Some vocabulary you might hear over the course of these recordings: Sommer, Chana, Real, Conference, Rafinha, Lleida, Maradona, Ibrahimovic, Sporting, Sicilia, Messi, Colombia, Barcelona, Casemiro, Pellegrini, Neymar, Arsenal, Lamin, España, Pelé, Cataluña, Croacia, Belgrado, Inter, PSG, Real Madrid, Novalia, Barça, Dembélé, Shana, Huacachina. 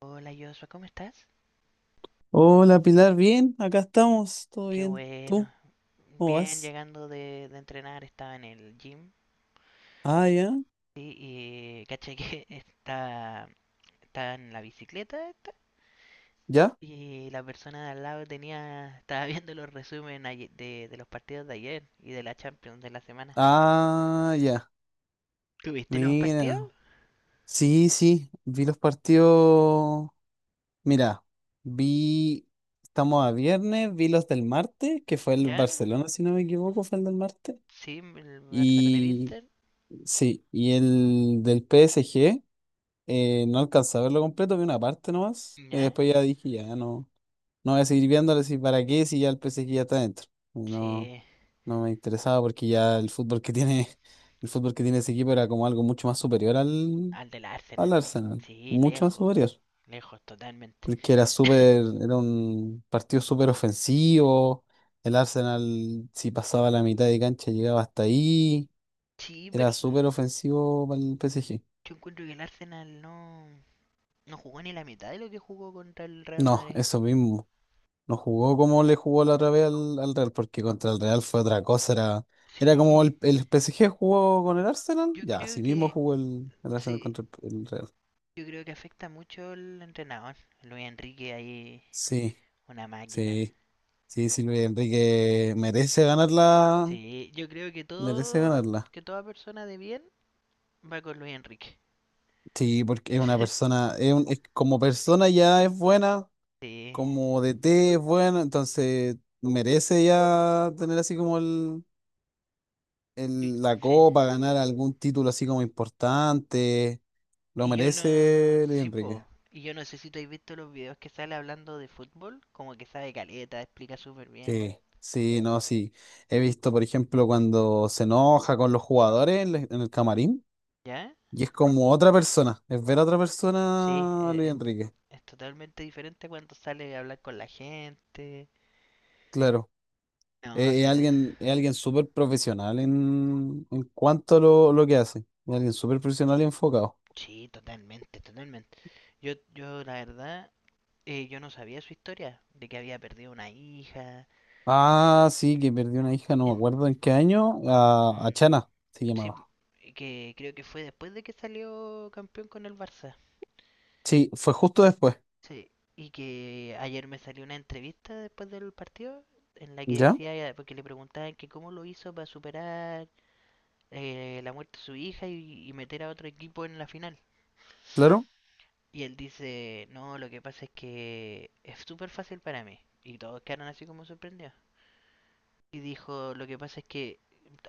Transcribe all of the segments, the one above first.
Hola Joshua, ¿cómo estás? Hola Pilar, bien, acá estamos, todo Qué bien. ¿Tú bueno. cómo Bien, vas? llegando de entrenar, estaba en el gym. Ah, ya, Sí, y caché que estaba en la bicicleta esta, ya. y la persona de al lado estaba viendo los resúmenes de los partidos de ayer y de la Champions de la semana. Ah, ya. ¿Tuviste los partidos? Mira, sí, sí, vi los partidos. Mira, vi, estamos a viernes, vi los del martes, que fue el ¿Ya? Barcelona, si no me equivoco, fue el del martes. Sí, el Barça con el Y Inter. sí, y el del PSG, no alcancé a verlo completo, vi una parte nomás. Y ¿Ya? después ya dije, ya no, no voy a seguir viéndolo, si para qué, si ya el PSG ya está dentro. No. Sí, No me interesaba porque ya el fútbol que tiene, el fútbol que tiene ese equipo era como algo mucho más superior al, al del al Arsenal. Arsenal, Sí, mucho más lejos, superior, lejos totalmente. porque era súper, era un partido súper ofensivo, el Arsenal si pasaba la mitad de cancha llegaba hasta ahí, Sí, pero era súper ofensivo para el PSG. yo encuentro que el Arsenal no, no jugó ni la mitad de lo que jugó contra el Real No, Madrid. eso mismo, no jugó como le jugó la otra vez al, Real, porque contra el Real fue otra cosa, era... Era como Sí. el, el, PSG jugó con el Arsenal, Yo ya, creo así mismo jugó el Arsenal sí, contra el Real. yo creo que afecta mucho el entrenador. Luis Enrique ahí, Sí, una máquina. sí, sí, sí, Luis Enrique merece ganarla, Sí, yo creo merece ganarla. que toda persona de bien va con Luis Enrique. Sí, porque es una persona, como persona ya es buena, Sí, como DT es buena, entonces merece ya tener así como y- la sí. copa, ganar algún título así como importante. Lo Y yo no, merece Luis sí, po. Enrique. Y yo no sé si tú has visto los videos que sale hablando de fútbol, como que sabe caleta, explica súper bien. Sí, sí, no, sí. He visto, por ejemplo, cuando se enoja con los jugadores en el camarín. ¿Ya? Y es como otra persona, es ver a otra Sí, persona a Luis es... Enrique, Es totalmente diferente cuando sale a hablar con la gente. claro. No Es, es sé, alguien, es alguien súper profesional en cuanto a lo que hace. Es alguien súper profesional y enfocado. sí, totalmente, totalmente. Yo la verdad, yo no sabía su historia, de que había perdido una hija. Ah, sí, que perdió una hija, no me En- acuerdo en qué año, a mm, Chana se sí, llamaba. que creo que fue después de que salió campeón con el Barça. Sí, fue justo después. Sí, y que ayer me salió una entrevista después del partido en la que ¿Ya? decía, porque le preguntaban que cómo lo hizo para superar la muerte de su y meter a otro equipo en la final. Claro. Y él dice, no, lo que pasa es que es súper fácil para mí. Y todos quedaron así como sorprendidos. Y dijo, lo que pasa es que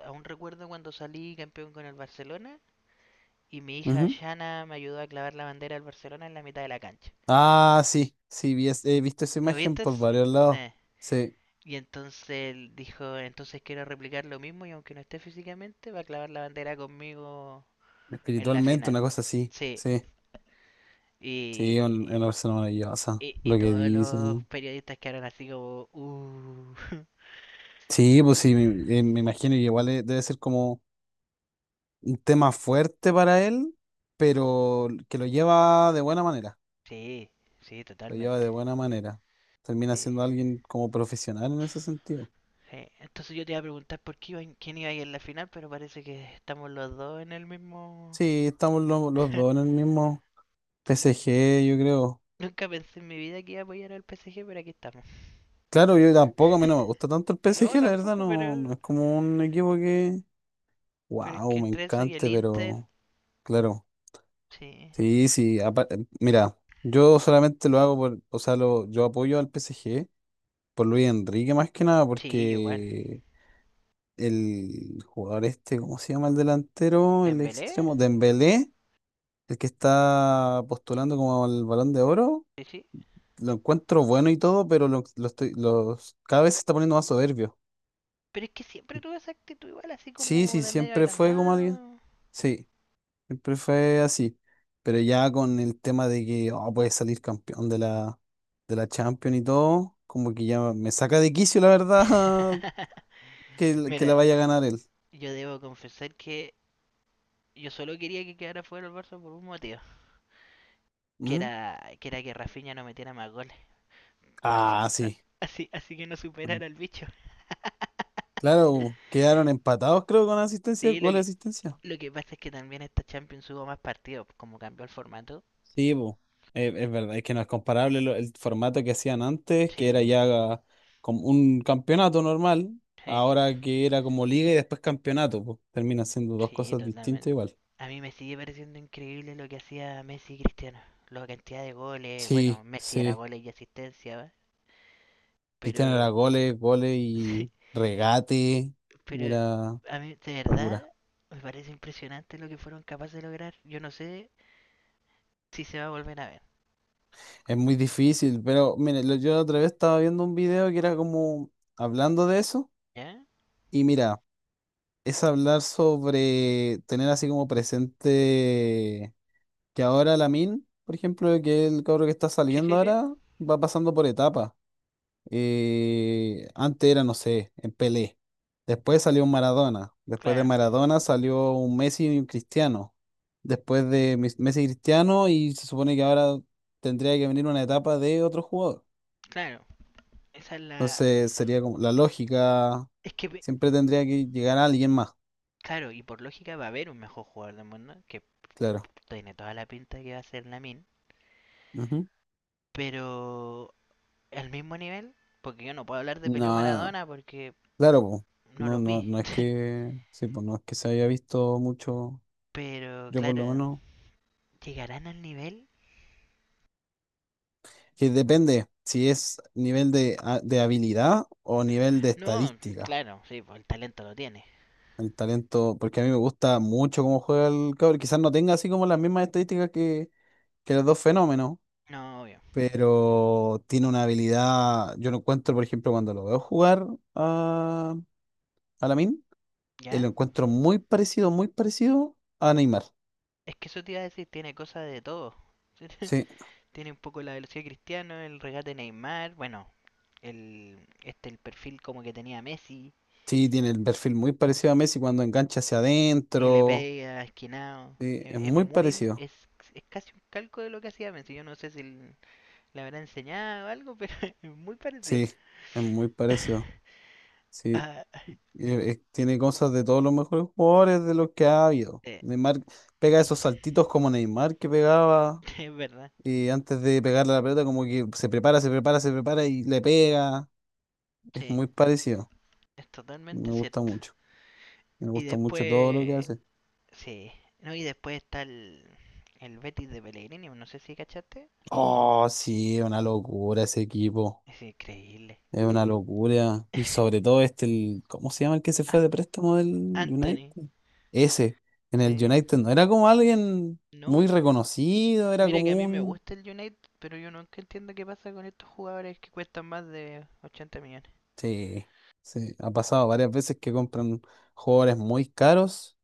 aún recuerdo cuando salí campeón con el Barcelona y mi hija Ujú. Shana me ayudó a clavar la bandera del Barcelona en la mitad de la cancha. Ah, sí, sí, he visto esa ¿Lo imagen viste? por Sí. varios lados. Sí, Y entonces él dijo, entonces quiero replicar lo mismo y aunque no esté físicamente, va a clavar la bandera conmigo en la espiritualmente, final. una cosa así. Sí, Sí, sí, una Y, persona maravillosa, y lo que todos los dicen. periodistas quedaron así como. Sí, pues sí, me imagino, y igual debe ser como un tema fuerte para él, pero que lo lleva de buena manera, Sí, sí, lo lleva totalmente. de buena manera. Termina Sí, siendo alguien como profesional en ese sentido. sí. Entonces yo te iba a preguntar por qué iba, quién iba a ir en la final, pero parece que estamos los dos en el mismo... Sí, estamos los dos en el mismo P S G, yo creo. Nunca pensé en mi vida que iba a apoyar al PSG, pero aquí estamos. Claro, yo tampoco, a mí no me gusta tanto el P S No, G, la verdad, tampoco, no, no pero... es como un equipo que, Pero es que wow, me entre eso y el encante, Inter, pero claro, sí. sí, sí, mira, yo solamente lo hago por, o sea, yo apoyo al P S G. Por Luis Enrique más que nada, Sí, yo igual. porque el jugador este, ¿cómo se llama el delantero? El ¿En Belé? extremo, Dembélé, el que está postulando como el Balón de Oro, Sí, sí. lo encuentro bueno y todo, pero cada vez se está poniendo más soberbio. Pero es que siempre tuve esa actitud igual, así Sí, como sí, de medio siempre fue como alguien. agrandado. Sí, siempre fue así. Pero ya con el tema de que oh, puede salir campeón de la Champions y todo, como que ya me saca de quicio, la verdad, que la Mira, vaya a ganar él. yo debo confesar que yo solo quería que quedara fuera el Barça por un motivo, Ujú. Que era que Rafinha no metiera más goles, pas- Ah, a- sí. Así que no superara al bicho. Claro, quedaron empatados, creo, con asistencia, Sí, gol de asistencia. lo que pasa es que también esta Champions hubo más partidos, como cambió el formato. Sí, po. Es verdad, es que no es comparable el formato que hacían antes, que era Sí, ya como un campeonato normal, sí, ahora que era como liga y después campeonato, pues termina siendo dos sí, cosas distintas totalmente. igual. A mí me sigue pareciendo increíble lo que hacía Messi y Cristiano, la cantidad de goles, bueno, Sí, Messi era sí. goles y asistencia, ¿va? Cristiano era Pero goles, goles sí, y regate. pero Era a mí, de verdad, locura. me parece impresionante lo que fueron capaces de lograr. Yo no sé si se va a volver a ver. Es muy difícil, pero mire, yo otra vez estaba viendo un video que era como hablando de eso. ¿Ya? Y mira, es hablar sobre tener así como presente que ahora Lamin, por ejemplo, que es el cabro que está Sí, saliendo sí, sí. ahora, va pasando por etapas. Antes era, no sé, en Pelé. Después salió un Maradona. Después de Claro, Maradona salió un Messi y un Cristiano. Después de Messi y Cristiano, y se supone que ahora tendría que venir una etapa de otro jugador. claro. Esa es la. Entonces sería como la lógica, Es que, siempre tendría que llegar a alguien más, claro, y por lógica va a haber un mejor jugador del mundo, que claro. tiene toda la pinta de que va a ser Lamin. Ujú. Pero al mismo nivel, porque yo no puedo hablar de Peleo No. Maradona porque Claro, po. no No, los no, vi. no es que, sí, pues no es que se haya visto mucho, Pero, yo por claro, lo menos, ¿llegarán al nivel? que depende si es nivel de, de habilidad o nivel de No, estadística, claro, sí, pues el talento lo tiene. el talento, porque a mí me gusta mucho cómo juega el cabrón, quizás no tenga así como las mismas estadísticas que los dos fenómenos, No, obvio. pero tiene una habilidad, yo lo encuentro, por ejemplo, cuando lo veo jugar a, a Lamine, lo ¿Ya? encuentro muy parecido a Neymar. Es que eso te iba a decir, tiene cosas de todo. Sí, Tiene un poco la velocidad de Cristiano, el regate de Neymar, bueno, el perfil como que tenía Messi, sí, tiene el perfil muy parecido a Messi cuando engancha hacia y le adentro. pega, esquinado. Sí, es muy parecido. Es casi un calco de lo que hacía Messi. Yo no sé si le habrá enseñado algo, pero es muy parecido. Sí, es muy parecido. Sí, Ah, tiene cosas de todos los mejores jugadores de los que ha habido. eh, Neymar pega esos saltitos como Neymar que pegaba es verdad, y antes de pegarle a la pelota como que se prepara, se prepara, se prepara y le pega. Es sí, muy parecido. es totalmente Me gusta cierto. mucho. Me Y gusta mucho todo lo que después hace. sí, no, y después está el Betis de Pellegrini, no sé si cachaste. Oh, sí, una locura ese equipo. Es increíble. Es una locura. Y sobre todo este, el, ¿cómo se llama el que se fue An- de préstamo del Anthony. United? Ese. En el eh, United no era como alguien no, muy reconocido, era mira que a como mí me un... gusta el United, pero yo nunca entiendo qué pasa con estos jugadores que cuestan más de 80 millones. Sí, sí. Ha pasado varias veces que compran jugadores muy caros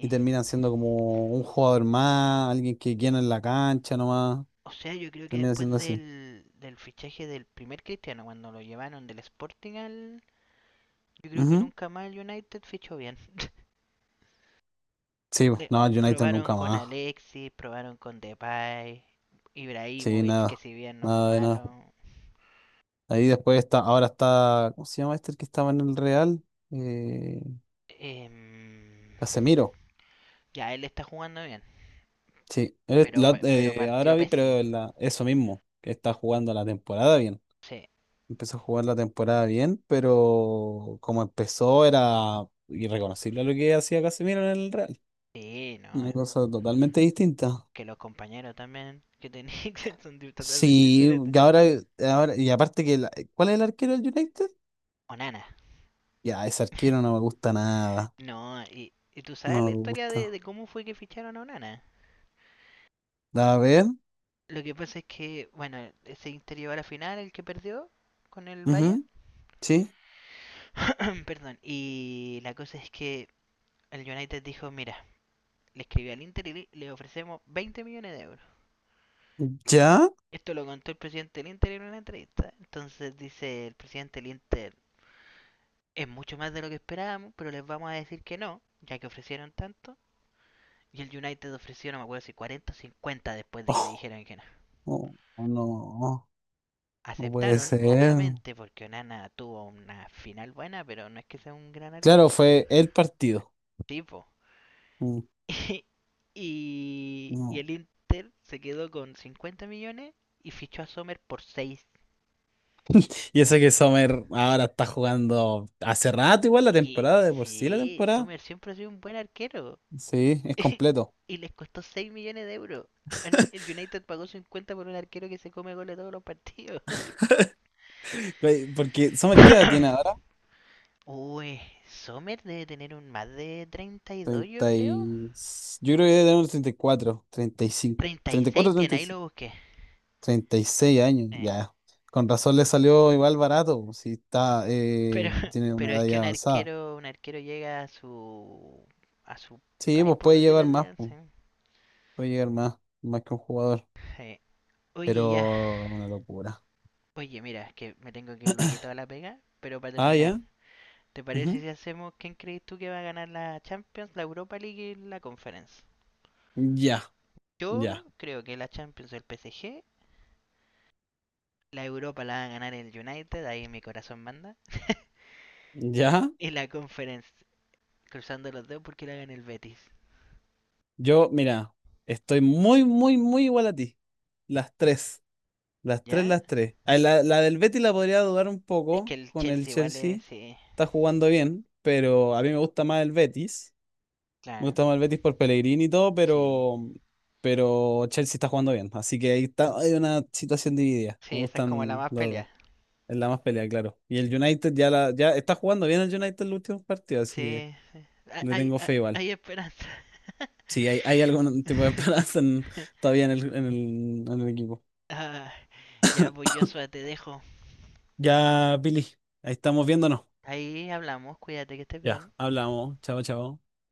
y terminan siendo como un jugador más, alguien que quieren en la cancha nomás. O sea, yo creo que Termina siendo después así. Del fichaje del primer Cristiano, cuando lo llevaron del Sporting al... Yo creo que Ujú. nunca más el United fichó bien. Sí, le- no, el United Probaron nunca con más. Alexis, probaron con Depay, Sí, Ibrahimovic, que nada. si bien no fue Nada de nada. malo. Ahí después está, ahora está, ¿cómo se llama este el que estaba en el Real? Eh, em, Casemiro. ya, él está jugando bien, Sí, él es pero ahora partió vi, pésimo. pero eso mismo, que está jugando la temporada bien. Sí, Empezó a jugar la temporada bien, pero como empezó era irreconocible a lo que hacía Casemiro en el Real. sí, no. Una cosa totalmente distinta. Que los compañeros también que tenían totalmente Sí, diferentes. y ahora, ahora y aparte que, ¿cuál es el arquero del United? Onana. Ya, ese arquero no me gusta nada. No, y tú sabes la No me historia gusta. de cómo fue que ficharon a Onana. A ver. Lo que pasa es que, bueno, se interior a la final, el que perdió con el Bayern. Ujú, sí. Perdón, y la cosa es que el United dijo, mira, le escribí al Inter y le- ofrecemos 20 millones de euros. ¿Ya? Esto lo contó el presidente del Inter en una entrevista. Entonces dice el presidente del Inter, es mucho más de lo que esperábamos, pero les vamos a decir que no, ya que ofrecieron tanto. Y el United ofreció, no me acuerdo si 40 o 50 después de que le Oh, dijeron que no. oh, oh, no, no puede Aceptaron, ser. obviamente, porque Onana tuvo una final buena, pero no es que sea un gran Claro, arquero. fue el partido. Tipo, Mm, y no. el Inter se quedó con 50 millones y fichó a Sommer por seis. Y eso que Sommer ahora está jugando hace rato igual la Y temporada, de por sí la sí, temporada. Sommer siempre ha sido un buen arquero. Sí, es completo. Y les costó 6 millones de euros. El United pagó 50 por un arquero que se come goles todos los partidos. Güey, porque Sommer, ¿qué edad tiene ahora? Uy, Sommer debe tener un más de 32 yo 30 creo. y... Yo creo que debe tener unos 34, 35, treinta y treinta y cinco, 34, seis tiene, treinta y ahí lo cinco, busqué. 36 años, Eh, ya. Con razón le salió igual barato, si está, Pero tiene una pero es edad que ya avanzada. Un arquero llega a a su Sí, prime, pues por puede decirlo llevar así. más, pues ¿Sí? puede llegar más, más que un jugador, Sí. Oye, ya. pero es una locura. Oye, mira, es que me tengo que ir luego a la pega, pero para Ah, terminar, ya. ¿te parece Ujú, si hacemos quién crees tú que va a ganar la Champions, la Europa League y la Conference? ya, Yo ya, creo que la Champions el PSG, la Europa la va a ganar el United, ahí mi corazón manda, ya. y la Conference, cruzando los dedos porque la gana el Betis, Yo, mira, estoy muy, muy, muy igual a ti. Las tres, las tres, ¿ya? las tres. Ah, la del Betis la podría dudar un Es que poco el con el Chelsea igual Chelsea. es, sí. Está jugando bien, pero a mí me gusta más el Betis. Me Claro. gusta más el Betis por Pellegrini y todo, Sí, pero Chelsea está jugando bien. Así que ahí está, hay una situación dividida. Me sí, esa es como la gustan más los dos. pelea. Es la más pelea, claro. Y el United ya ya está jugando bien el United en los últimos partidos, así Sí, que le tengo fe igual. hay esperanza. Sí, hay algún tipo de esperanza todavía en el equipo. Ah, ya, pues Joshua, te dejo. Ya, Billy, ahí estamos viéndonos. Ahí hablamos, cuídate que estés Ya, bien. hablamos. Chao, chao.